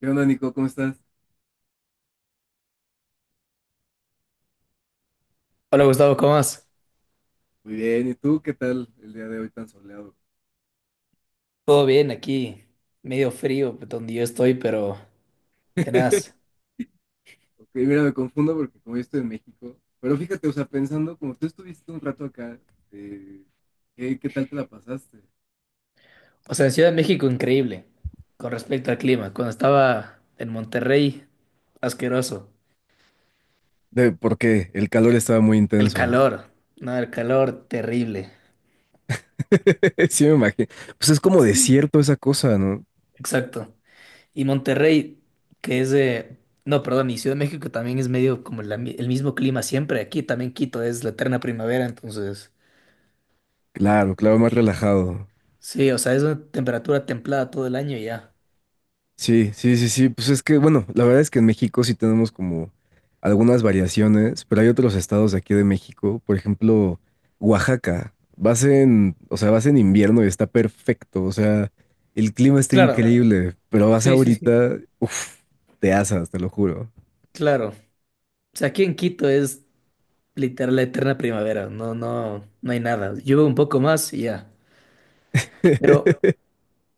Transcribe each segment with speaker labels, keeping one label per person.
Speaker 1: ¿Qué onda, Nico? ¿Cómo estás?
Speaker 2: Hola Gustavo, ¿cómo vas?
Speaker 1: Muy bien. ¿Y tú qué tal el día de hoy tan soleado?
Speaker 2: Todo bien aquí, medio frío pues, donde yo estoy, pero tenaz.
Speaker 1: Ok, mira, me confundo porque como yo estoy en México, pero fíjate, o sea, pensando, como tú estuviste un rato acá, eh, ¿qué tal te la pasaste?
Speaker 2: O sea, en Ciudad de México increíble con respecto al clima. Cuando estaba en Monterrey, asqueroso.
Speaker 1: Porque el calor estaba muy
Speaker 2: El
Speaker 1: intenso, ¿no?
Speaker 2: calor, no, el calor terrible.
Speaker 1: Sí, me imagino. Pues es como
Speaker 2: Sí.
Speaker 1: desierto esa cosa, ¿no?
Speaker 2: Exacto. Y Monterrey, que es de... No, perdón, y Ciudad de México también es medio como el mismo clima siempre. Aquí también Quito es la eterna primavera, entonces...
Speaker 1: Claro, claro, más relajado.
Speaker 2: Sí, o sea, es una temperatura templada todo el año y ya.
Speaker 1: Sí, sí, sí, sí. Pues es que, bueno, la verdad es que en México sí tenemos como algunas variaciones, pero hay otros estados de aquí de México, por ejemplo, Oaxaca. Vas en invierno y está perfecto, o sea, el clima está
Speaker 2: Claro,
Speaker 1: increíble, pero vas
Speaker 2: sí, sí, sí.
Speaker 1: ahorita, uff, te asas, te lo juro.
Speaker 2: Claro. O sea, aquí en Quito es literal la eterna primavera, no, no, no hay nada. Llueve un poco más y ya. Pero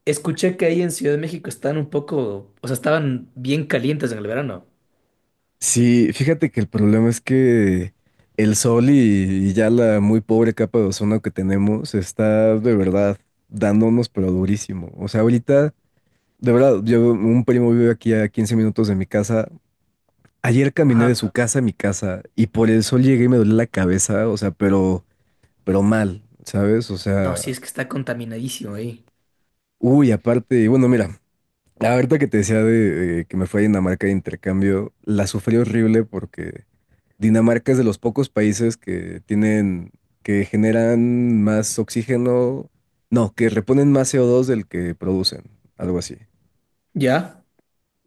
Speaker 2: escuché que ahí en Ciudad de México están un poco, o sea, estaban bien calientes en el verano.
Speaker 1: Sí, fíjate que el problema es que el sol y ya la muy pobre capa de ozono que tenemos está de verdad dándonos pero durísimo. O sea, ahorita. De verdad, un primo vive aquí a 15 minutos de mi casa. Ayer caminé de
Speaker 2: Ajá.
Speaker 1: su casa a mi casa y por el sol llegué y me dolía la cabeza, o sea, pero mal, ¿sabes? O
Speaker 2: No, sí,
Speaker 1: sea,
Speaker 2: es que está contaminadísimo ahí.
Speaker 1: uy, aparte, y bueno, mira, ahorita que te decía de que me fui a Dinamarca de intercambio, la sufrí horrible porque Dinamarca es de los pocos países que generan más oxígeno, no, que reponen más CO2 del que producen, algo así.
Speaker 2: Ya,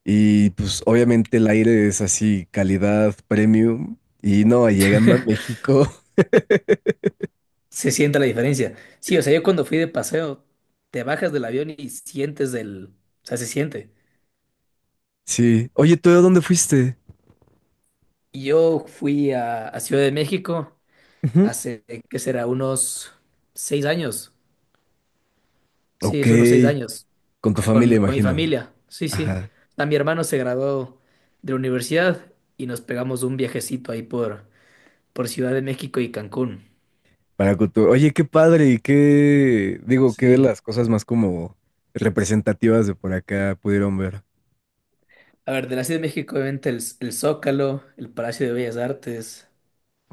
Speaker 1: Y pues obviamente el aire es así, calidad premium. Y no, llegando a México,
Speaker 2: se siente la diferencia. Sí, o sea, yo cuando fui de paseo, te bajas del avión y sientes se siente.
Speaker 1: sí. Oye, ¿tú de dónde fuiste?
Speaker 2: Yo fui a Ciudad de México
Speaker 1: Ujú.
Speaker 2: hace, ¿qué será? Unos 6 años. Sí,
Speaker 1: Ok,
Speaker 2: es unos 6 años.
Speaker 1: con tu familia,
Speaker 2: Con mi
Speaker 1: imagino.
Speaker 2: familia. Sí, sí.
Speaker 1: Ajá,
Speaker 2: A mi hermano se graduó de la universidad y nos pegamos un viajecito ahí por Ciudad de México y Cancún.
Speaker 1: para cultura. Oye, qué padre y qué, digo, qué de
Speaker 2: Sí.
Speaker 1: las cosas más como representativas de por acá pudieron ver.
Speaker 2: A ver, de la Ciudad de México, obviamente, el Zócalo, el Palacio de Bellas Artes.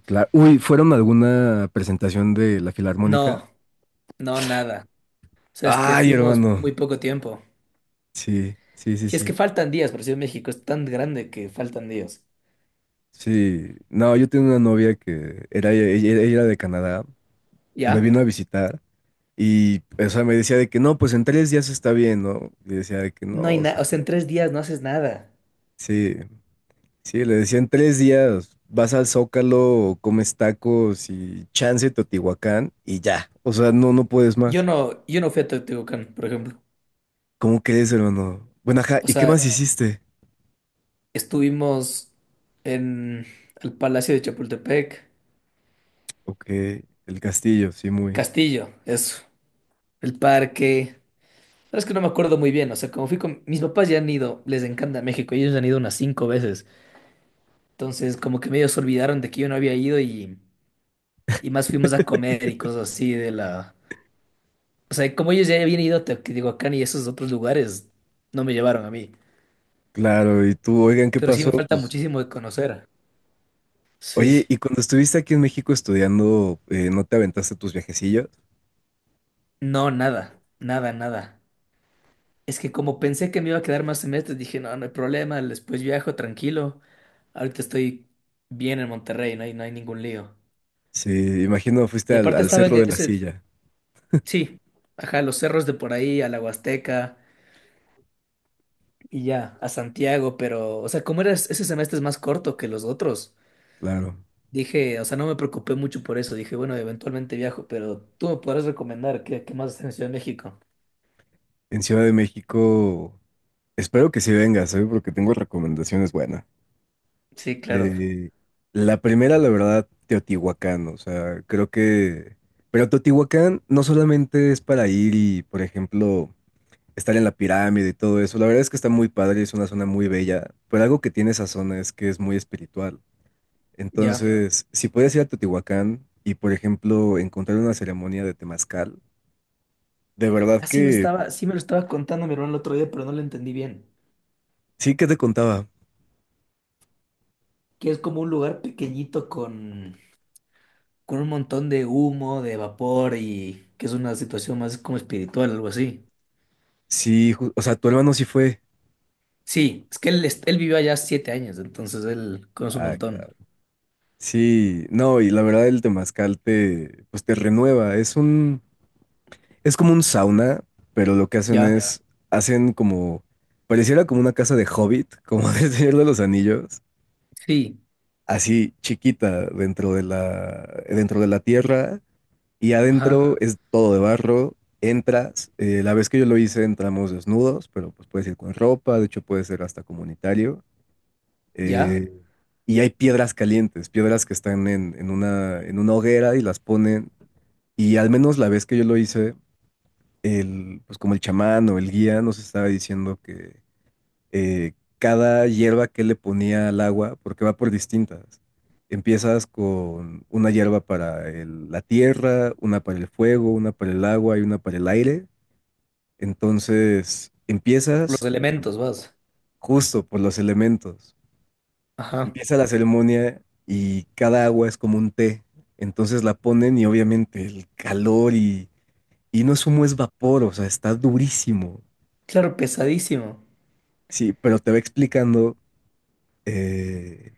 Speaker 1: Claro. Uy, ¿fueron a alguna presentación de la Filarmónica?
Speaker 2: No, no, nada. O sea, es que
Speaker 1: Ay,
Speaker 2: fuimos
Speaker 1: hermano.
Speaker 2: muy poco tiempo.
Speaker 1: Sí, sí, sí,
Speaker 2: Si es que
Speaker 1: sí.
Speaker 2: faltan días, pero Ciudad de México es tan grande que faltan días.
Speaker 1: Sí. No, yo tenía una novia que era, ella era de Canadá. Me
Speaker 2: ¿Ya?
Speaker 1: vino a visitar y, o sea, me decía de que no, pues en 3 días está bien, ¿no? Y decía de que no,
Speaker 2: No hay
Speaker 1: o
Speaker 2: nada.
Speaker 1: sea,
Speaker 2: O sea, en tres días no haces nada.
Speaker 1: sí, sí, le decía en 3 días vas al Zócalo, comes tacos y chance Teotihuacán y ya, o sea, no, no puedes
Speaker 2: Yo
Speaker 1: más.
Speaker 2: no, yo no fui a Teotihuacán, por ejemplo.
Speaker 1: ¿Cómo crees, hermano? Bueno, ajá,
Speaker 2: O
Speaker 1: ¿y qué
Speaker 2: sea,
Speaker 1: más hiciste?
Speaker 2: estuvimos en el Palacio de Chapultepec,
Speaker 1: Ok, el castillo, sí, muy
Speaker 2: Castillo, eso, el parque. Sabes que no me acuerdo muy bien, o sea, como fui con mis papás ya han ido, les encanta México, ellos han ido unas 5 veces. Entonces, como que medio se olvidaron de que yo no había ido y más fuimos a comer y cosas así de la. O sea, como ellos ya habían ido a Teotihuacán y esos otros lugares, no me llevaron a mí.
Speaker 1: claro. Y tú, oigan, ¿qué
Speaker 2: Pero sí
Speaker 1: pasó?
Speaker 2: me falta
Speaker 1: Pues,
Speaker 2: muchísimo de conocer.
Speaker 1: oye,
Speaker 2: Sí,
Speaker 1: ¿y cuando estuviste aquí en México estudiando, no te aventaste tus viajecillos?
Speaker 2: no, nada, nada, nada. Es que como pensé que me iba a quedar más semestres, dije, no, no hay problema, después viajo tranquilo. Ahorita estoy bien en Monterrey, no hay, no hay ningún lío.
Speaker 1: Sí, imagino fuiste
Speaker 2: Y
Speaker 1: al,
Speaker 2: aparte
Speaker 1: al
Speaker 2: estaba en
Speaker 1: Cerro de la
Speaker 2: ese,
Speaker 1: Silla,
Speaker 2: sí, ajá, los cerros de por ahí, a la Huasteca y ya, a Santiago, pero, o sea, como era ese semestre es más corto que los otros,
Speaker 1: claro.
Speaker 2: dije, o sea, no me preocupé mucho por eso, dije, bueno, eventualmente viajo, pero tú me podrás recomendar qué, qué más hacer en Ciudad de México.
Speaker 1: En Ciudad de México, espero que sí vengas, ¿sabes? Porque tengo recomendaciones buenas.
Speaker 2: Sí, claro,
Speaker 1: Eh, la primera, la verdad, Teotihuacán, o sea, creo que... Pero Teotihuacán no solamente es para ir y, por ejemplo, estar en la pirámide y todo eso, la verdad es que está muy padre, es una zona muy bella, pero algo que tiene esa zona es que es muy espiritual.
Speaker 2: ya.
Speaker 1: Entonces, si puedes ir a Teotihuacán y, por ejemplo, encontrar una ceremonia de temazcal, de verdad
Speaker 2: Así me
Speaker 1: que...
Speaker 2: estaba, sí me lo estaba contando mi hermano el otro día, pero no lo entendí bien.
Speaker 1: Sí, ¿que te contaba?
Speaker 2: Que es como un lugar pequeñito con un montón de humo, de vapor y que es una situación más como espiritual, algo así.
Speaker 1: Sí, o sea, tu hermano sí fue.
Speaker 2: Sí, es que él, él vivió allá 7 años, entonces él conoce un
Speaker 1: Ah,
Speaker 2: montón.
Speaker 1: claro. Sí, no, y la verdad el temazcal te renueva. Es como un sauna, pero lo que hacen
Speaker 2: Ya,
Speaker 1: es, hacen como, pareciera como una casa de Hobbit, como del Señor de los Anillos,
Speaker 2: sí,
Speaker 1: así chiquita dentro de la tierra, y
Speaker 2: ajá,
Speaker 1: adentro es todo de barro. La vez que yo lo hice entramos desnudos, pero pues puedes ir con ropa, de hecho puede ser hasta comunitario.
Speaker 2: ya.
Speaker 1: Eh, y hay piedras calientes, piedras que están en una hoguera y las ponen. Y al menos la vez que yo lo hice, pues como el chamán o el guía nos estaba diciendo que eh, cada hierba que le ponía al agua, porque va por distintas. Empiezas con una hierba para la tierra, una para el fuego, una para el agua y una para el aire. Entonces
Speaker 2: Los
Speaker 1: empiezas
Speaker 2: elementos, vas.
Speaker 1: justo por los elementos.
Speaker 2: Ajá.
Speaker 1: Empieza la ceremonia y cada agua es como un té. Entonces la ponen y obviamente el calor y no es humo, es vapor, o sea, está durísimo.
Speaker 2: Claro, pesadísimo.
Speaker 1: Sí, pero te va explicando eh,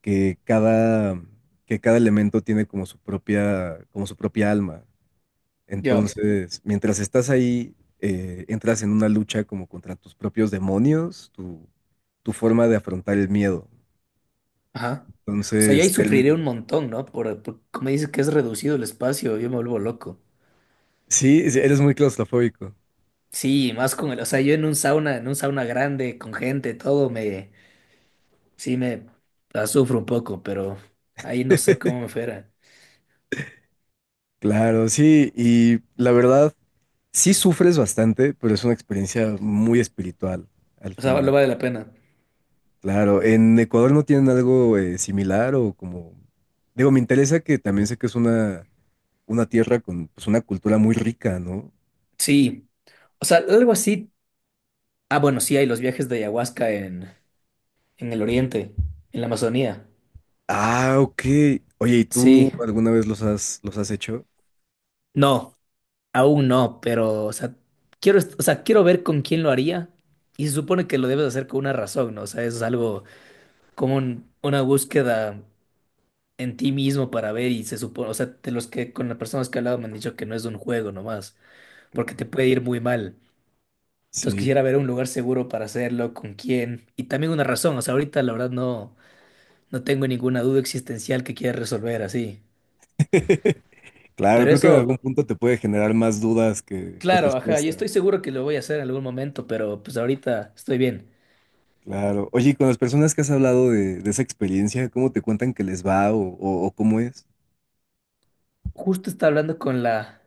Speaker 1: que cada, que cada elemento tiene como su propia alma.
Speaker 2: Ya,
Speaker 1: Entonces, mientras estás ahí, entras en una lucha como contra tus propios demonios, tu forma de afrontar el miedo.
Speaker 2: ajá. O sea, yo ahí
Speaker 1: Entonces,
Speaker 2: sufriré un
Speaker 1: termina.
Speaker 2: montón, ¿no? Por, como dices que es reducido el espacio, yo me vuelvo loco.
Speaker 1: Sí, sí, eres muy claustrofóbico.
Speaker 2: Sí, más con el, o sea, yo en un sauna grande, con gente, todo, me, sí, me la sufro un poco, pero ahí no sé cómo me fuera.
Speaker 1: Claro, sí, y la verdad, sí sufres bastante, pero es una experiencia muy espiritual al
Speaker 2: O sea, lo
Speaker 1: final.
Speaker 2: vale la pena.
Speaker 1: Claro, ¿en Ecuador no tienen algo similar o como...? Digo, me interesa que también sé que es una tierra con pues, una cultura muy rica, ¿no?
Speaker 2: Sí, o sea, algo así. Ah, bueno, sí, hay los viajes de ayahuasca en el oriente, en la Amazonía.
Speaker 1: Ah, ok. Oye, ¿y tú
Speaker 2: Sí,
Speaker 1: alguna vez los has hecho?
Speaker 2: no, aún no, pero, o sea, quiero, o sea, quiero ver con quién lo haría. Y se supone que lo debes hacer con una razón, ¿no? O sea, eso es algo como una búsqueda en ti mismo para ver y se supone, o sea, de los que con las personas que he hablado me han dicho que no es un juego nomás, porque te puede ir muy mal. Entonces
Speaker 1: Sí.
Speaker 2: quisiera ver un lugar seguro para hacerlo, con quién. Y también una razón, o sea, ahorita la verdad no, no tengo ninguna duda existencial que quiera resolver así.
Speaker 1: Claro,
Speaker 2: Pero
Speaker 1: creo que en algún
Speaker 2: eso,
Speaker 1: punto te puede generar más dudas que
Speaker 2: claro, ajá, y
Speaker 1: respuestas.
Speaker 2: estoy seguro que lo voy a hacer en algún momento, pero pues ahorita estoy bien.
Speaker 1: Claro. Oye, y con las personas que has hablado de esa experiencia, ¿cómo te cuentan que les va o cómo es?
Speaker 2: Justo estaba hablando con la,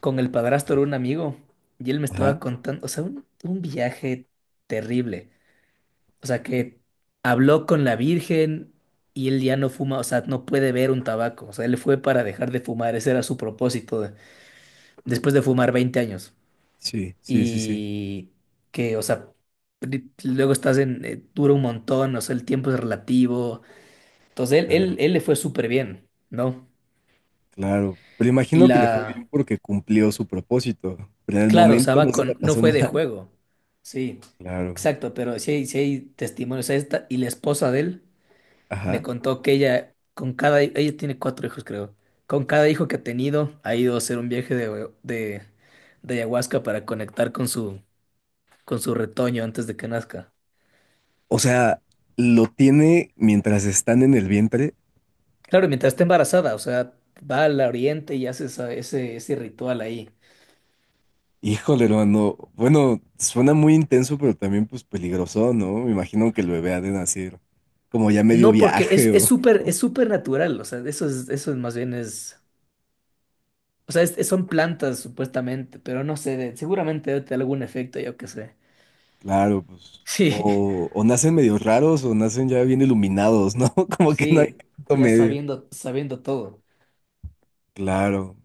Speaker 2: con el padrastro de un amigo y él me estaba
Speaker 1: Ajá.
Speaker 2: contando, o sea, un viaje terrible. O sea, que habló con la Virgen y él ya no fuma, o sea, no puede ver un tabaco. O sea, él fue para dejar de fumar, ese era su propósito después de fumar 20 años
Speaker 1: Sí, sí, sí, sí.
Speaker 2: y que, o sea, luego estás en, dura un montón, o sea, el tiempo es relativo. Entonces,
Speaker 1: Claro. Ok.
Speaker 2: él le fue súper bien, ¿no?
Speaker 1: Claro. Pero
Speaker 2: Y
Speaker 1: imagino que le fue
Speaker 2: la,
Speaker 1: bien porque cumplió su propósito, pero en el
Speaker 2: claro, o sea,
Speaker 1: momento no
Speaker 2: va
Speaker 1: se la
Speaker 2: con, no
Speaker 1: pasó
Speaker 2: fue de
Speaker 1: mal.
Speaker 2: juego, sí,
Speaker 1: Claro.
Speaker 2: exacto, pero sí hay testimonios. O sea, esta, y la esposa de él me
Speaker 1: Ajá.
Speaker 2: contó que ella, con cada, ella tiene 4 hijos, creo. Con cada hijo que ha tenido, ha ido a hacer un viaje de ayahuasca para conectar con su retoño antes de que nazca.
Speaker 1: O sea, lo tiene mientras están en el vientre.
Speaker 2: Claro, mientras esté embarazada, o sea, va al oriente y hace ese, ese ritual ahí.
Speaker 1: Híjole, hermano. Bueno, suena muy intenso, pero también pues peligroso, ¿no? Me imagino que el bebé ha de nacer como ya medio
Speaker 2: No, porque
Speaker 1: viaje o...
Speaker 2: es súper natural, o sea, eso es más bien es, o sea, son plantas supuestamente, pero no sé, seguramente debe tener algún efecto, yo qué sé.
Speaker 1: Claro, pues.
Speaker 2: Sí,
Speaker 1: O nacen medio raros o nacen ya bien iluminados, ¿no? Como que no hay
Speaker 2: sí,
Speaker 1: punto
Speaker 2: ya
Speaker 1: medio.
Speaker 2: sabiendo, sabiendo todo.
Speaker 1: Claro.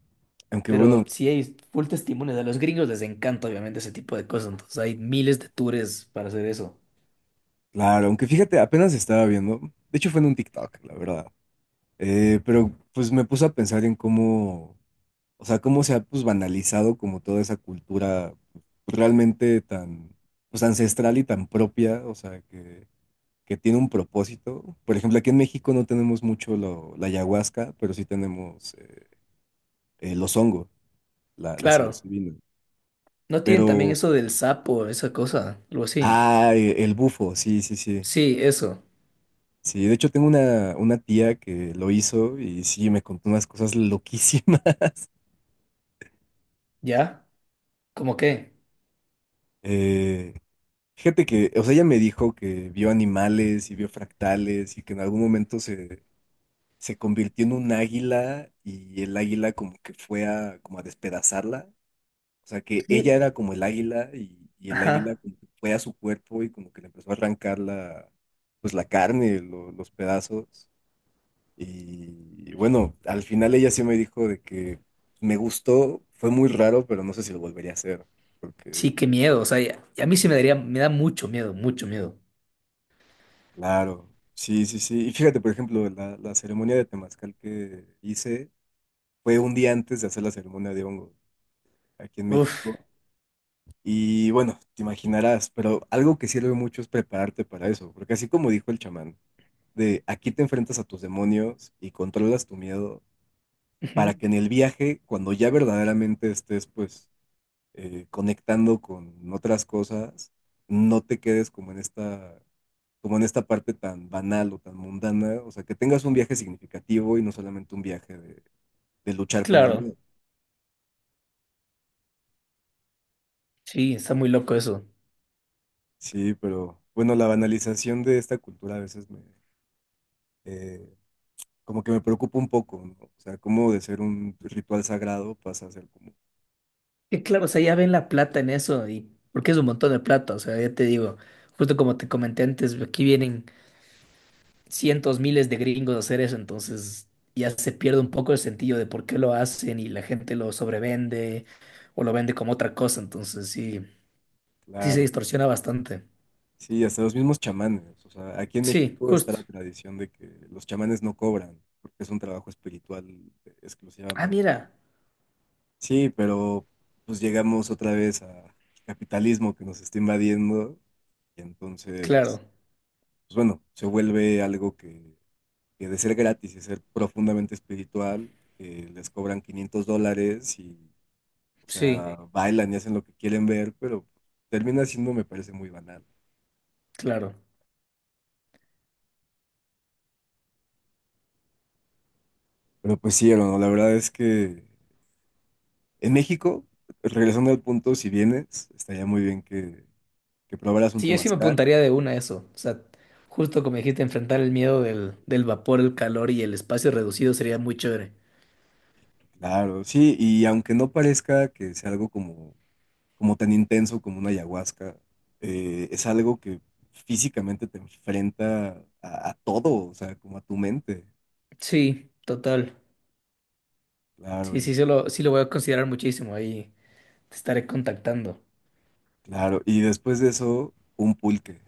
Speaker 1: Aunque bueno,
Speaker 2: Pero sí hay full testimonios, a los gringos les encanta obviamente ese tipo de cosas, entonces hay miles de tours para hacer eso.
Speaker 1: claro, aunque fíjate, apenas estaba viendo. De hecho, fue en un TikTok, la verdad. Pero pues me puse a pensar en cómo, o sea, cómo se ha pues banalizado como toda esa cultura pues, realmente tan, pues ancestral y tan propia, o sea, que tiene un propósito. Por ejemplo, aquí en México no tenemos mucho la ayahuasca, pero sí tenemos los hongos. La
Speaker 2: Claro,
Speaker 1: psilocibina.
Speaker 2: ¿no tienen también
Speaker 1: Pero,
Speaker 2: eso del sapo, esa cosa, algo así?
Speaker 1: el bufo, sí, sí, sí.
Speaker 2: Sí, eso,
Speaker 1: Sí, de hecho tengo una tía que lo hizo y sí, me contó unas cosas loquísimas.
Speaker 2: ¿ya? ¿Cómo qué?
Speaker 1: Eh, fíjate que, o sea, ella me dijo que vio animales y vio fractales y que en algún momento se convirtió en un águila y el águila como que fue como a despedazarla. O sea, que ella
Speaker 2: Sí,
Speaker 1: era como el águila y el águila
Speaker 2: ajá.
Speaker 1: como que fue a su cuerpo y como que le empezó a arrancar pues la carne, los pedazos. Y bueno, al final ella sí me dijo de que me gustó, fue muy raro, pero no sé si lo volvería a hacer. Porque,
Speaker 2: Sí, qué miedo. O sea, y a mí sí me daría, me da mucho miedo, mucho miedo.
Speaker 1: claro, sí, sí, sí. Y fíjate, por ejemplo, la ceremonia de temazcal que hice fue un día antes de hacer la ceremonia de hongo aquí en México.
Speaker 2: Uf.
Speaker 1: Y bueno, te imaginarás, pero algo que sirve mucho es prepararte para eso, porque así como dijo el chamán, de aquí te enfrentas a tus demonios y controlas tu miedo para
Speaker 2: Ujú,
Speaker 1: que en el viaje, cuando ya verdaderamente estés pues conectando con otras cosas, no te quedes como en esta parte tan banal o tan mundana, o sea, que tengas un viaje significativo y no solamente un viaje de luchar con el
Speaker 2: claro.
Speaker 1: miedo.
Speaker 2: Sí, está muy loco eso.
Speaker 1: Sí, pero bueno, la banalización de esta cultura a veces eh, como que me preocupa un poco, ¿no? O sea, cómo de ser un ritual sagrado pasa a ser como,
Speaker 2: Y claro, o sea, ya ven la plata en eso y porque es un montón de plata. O sea, ya te digo, justo como te comenté antes, aquí vienen cientos, miles de gringos a hacer eso, entonces ya se pierde un poco el sentido de por qué lo hacen y la gente lo sobrevende o lo vende como otra cosa. Entonces sí, sí se
Speaker 1: claro,
Speaker 2: distorsiona bastante.
Speaker 1: sí, hasta los mismos chamanes. O sea, aquí en
Speaker 2: Sí,
Speaker 1: México está
Speaker 2: justo.
Speaker 1: la tradición de que los chamanes no cobran, porque es un trabajo espiritual
Speaker 2: Ah,
Speaker 1: exclusivamente.
Speaker 2: mira.
Speaker 1: Sí, pero pues llegamos otra vez al capitalismo que nos está invadiendo y
Speaker 2: Claro.
Speaker 1: entonces, pues bueno, se vuelve algo que de ser gratis y ser profundamente espiritual, que les cobran $500 y, o
Speaker 2: Sí,
Speaker 1: sea, sí, bailan y hacen lo que quieren ver, pero termina siendo, me parece, muy banal.
Speaker 2: claro.
Speaker 1: Pero pues sí, hermano, la verdad es que en México, regresando al punto, si vienes, estaría muy bien que, probaras un
Speaker 2: Sí, yo sí me
Speaker 1: temazcal.
Speaker 2: apuntaría de una a eso. O sea, justo como dijiste, enfrentar el miedo del, del vapor, el calor y el espacio reducido sería muy chévere.
Speaker 1: Claro, sí, y aunque no parezca que sea algo como tan intenso como una ayahuasca, es algo que físicamente te enfrenta a todo, o sea, como a tu mente.
Speaker 2: Sí, total.
Speaker 1: Claro,
Speaker 2: Sí, sí, sí lo voy a considerar muchísimo. Ahí te estaré contactando.
Speaker 1: claro. Y después de eso, un pulque.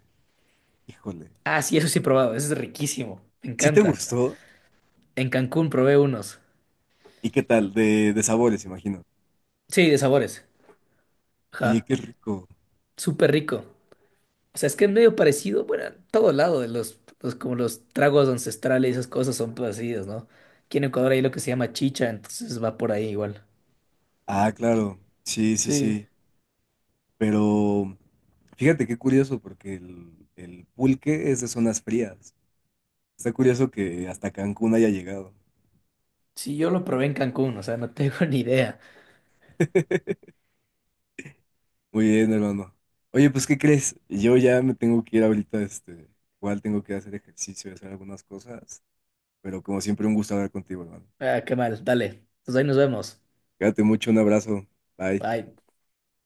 Speaker 1: Híjole.
Speaker 2: Ah, sí, eso sí he probado. Eso es riquísimo. Me
Speaker 1: ¿Sí te
Speaker 2: encanta.
Speaker 1: gustó?
Speaker 2: En Cancún probé unos.
Speaker 1: ¿Y qué tal? De sabores, imagino.
Speaker 2: Sí, de sabores.
Speaker 1: Oye,
Speaker 2: Ajá.
Speaker 1: qué rico.
Speaker 2: Súper rico. O sea, es que es medio parecido, bueno, en todo lado, de como los tragos ancestrales y esas cosas son parecidos, ¿no? Aquí en Ecuador hay lo que se llama chicha, entonces va por ahí igual.
Speaker 1: Ah, claro. Sí, sí,
Speaker 2: Sí.
Speaker 1: sí. Pero fíjate qué curioso, porque el pulque es de zonas frías. Está curioso que hasta Cancún haya llegado.
Speaker 2: Sí, yo lo probé en Cancún, o sea, no tengo ni idea.
Speaker 1: Muy bien, hermano. Oye, pues, ¿qué crees? Yo ya me tengo que ir ahorita, igual tengo que hacer ejercicio y hacer algunas cosas, pero como siempre, un gusto hablar contigo, hermano.
Speaker 2: Ah, qué mal, dale. Entonces ahí nos vemos.
Speaker 1: Cuídate mucho, un abrazo. Bye.
Speaker 2: Bye.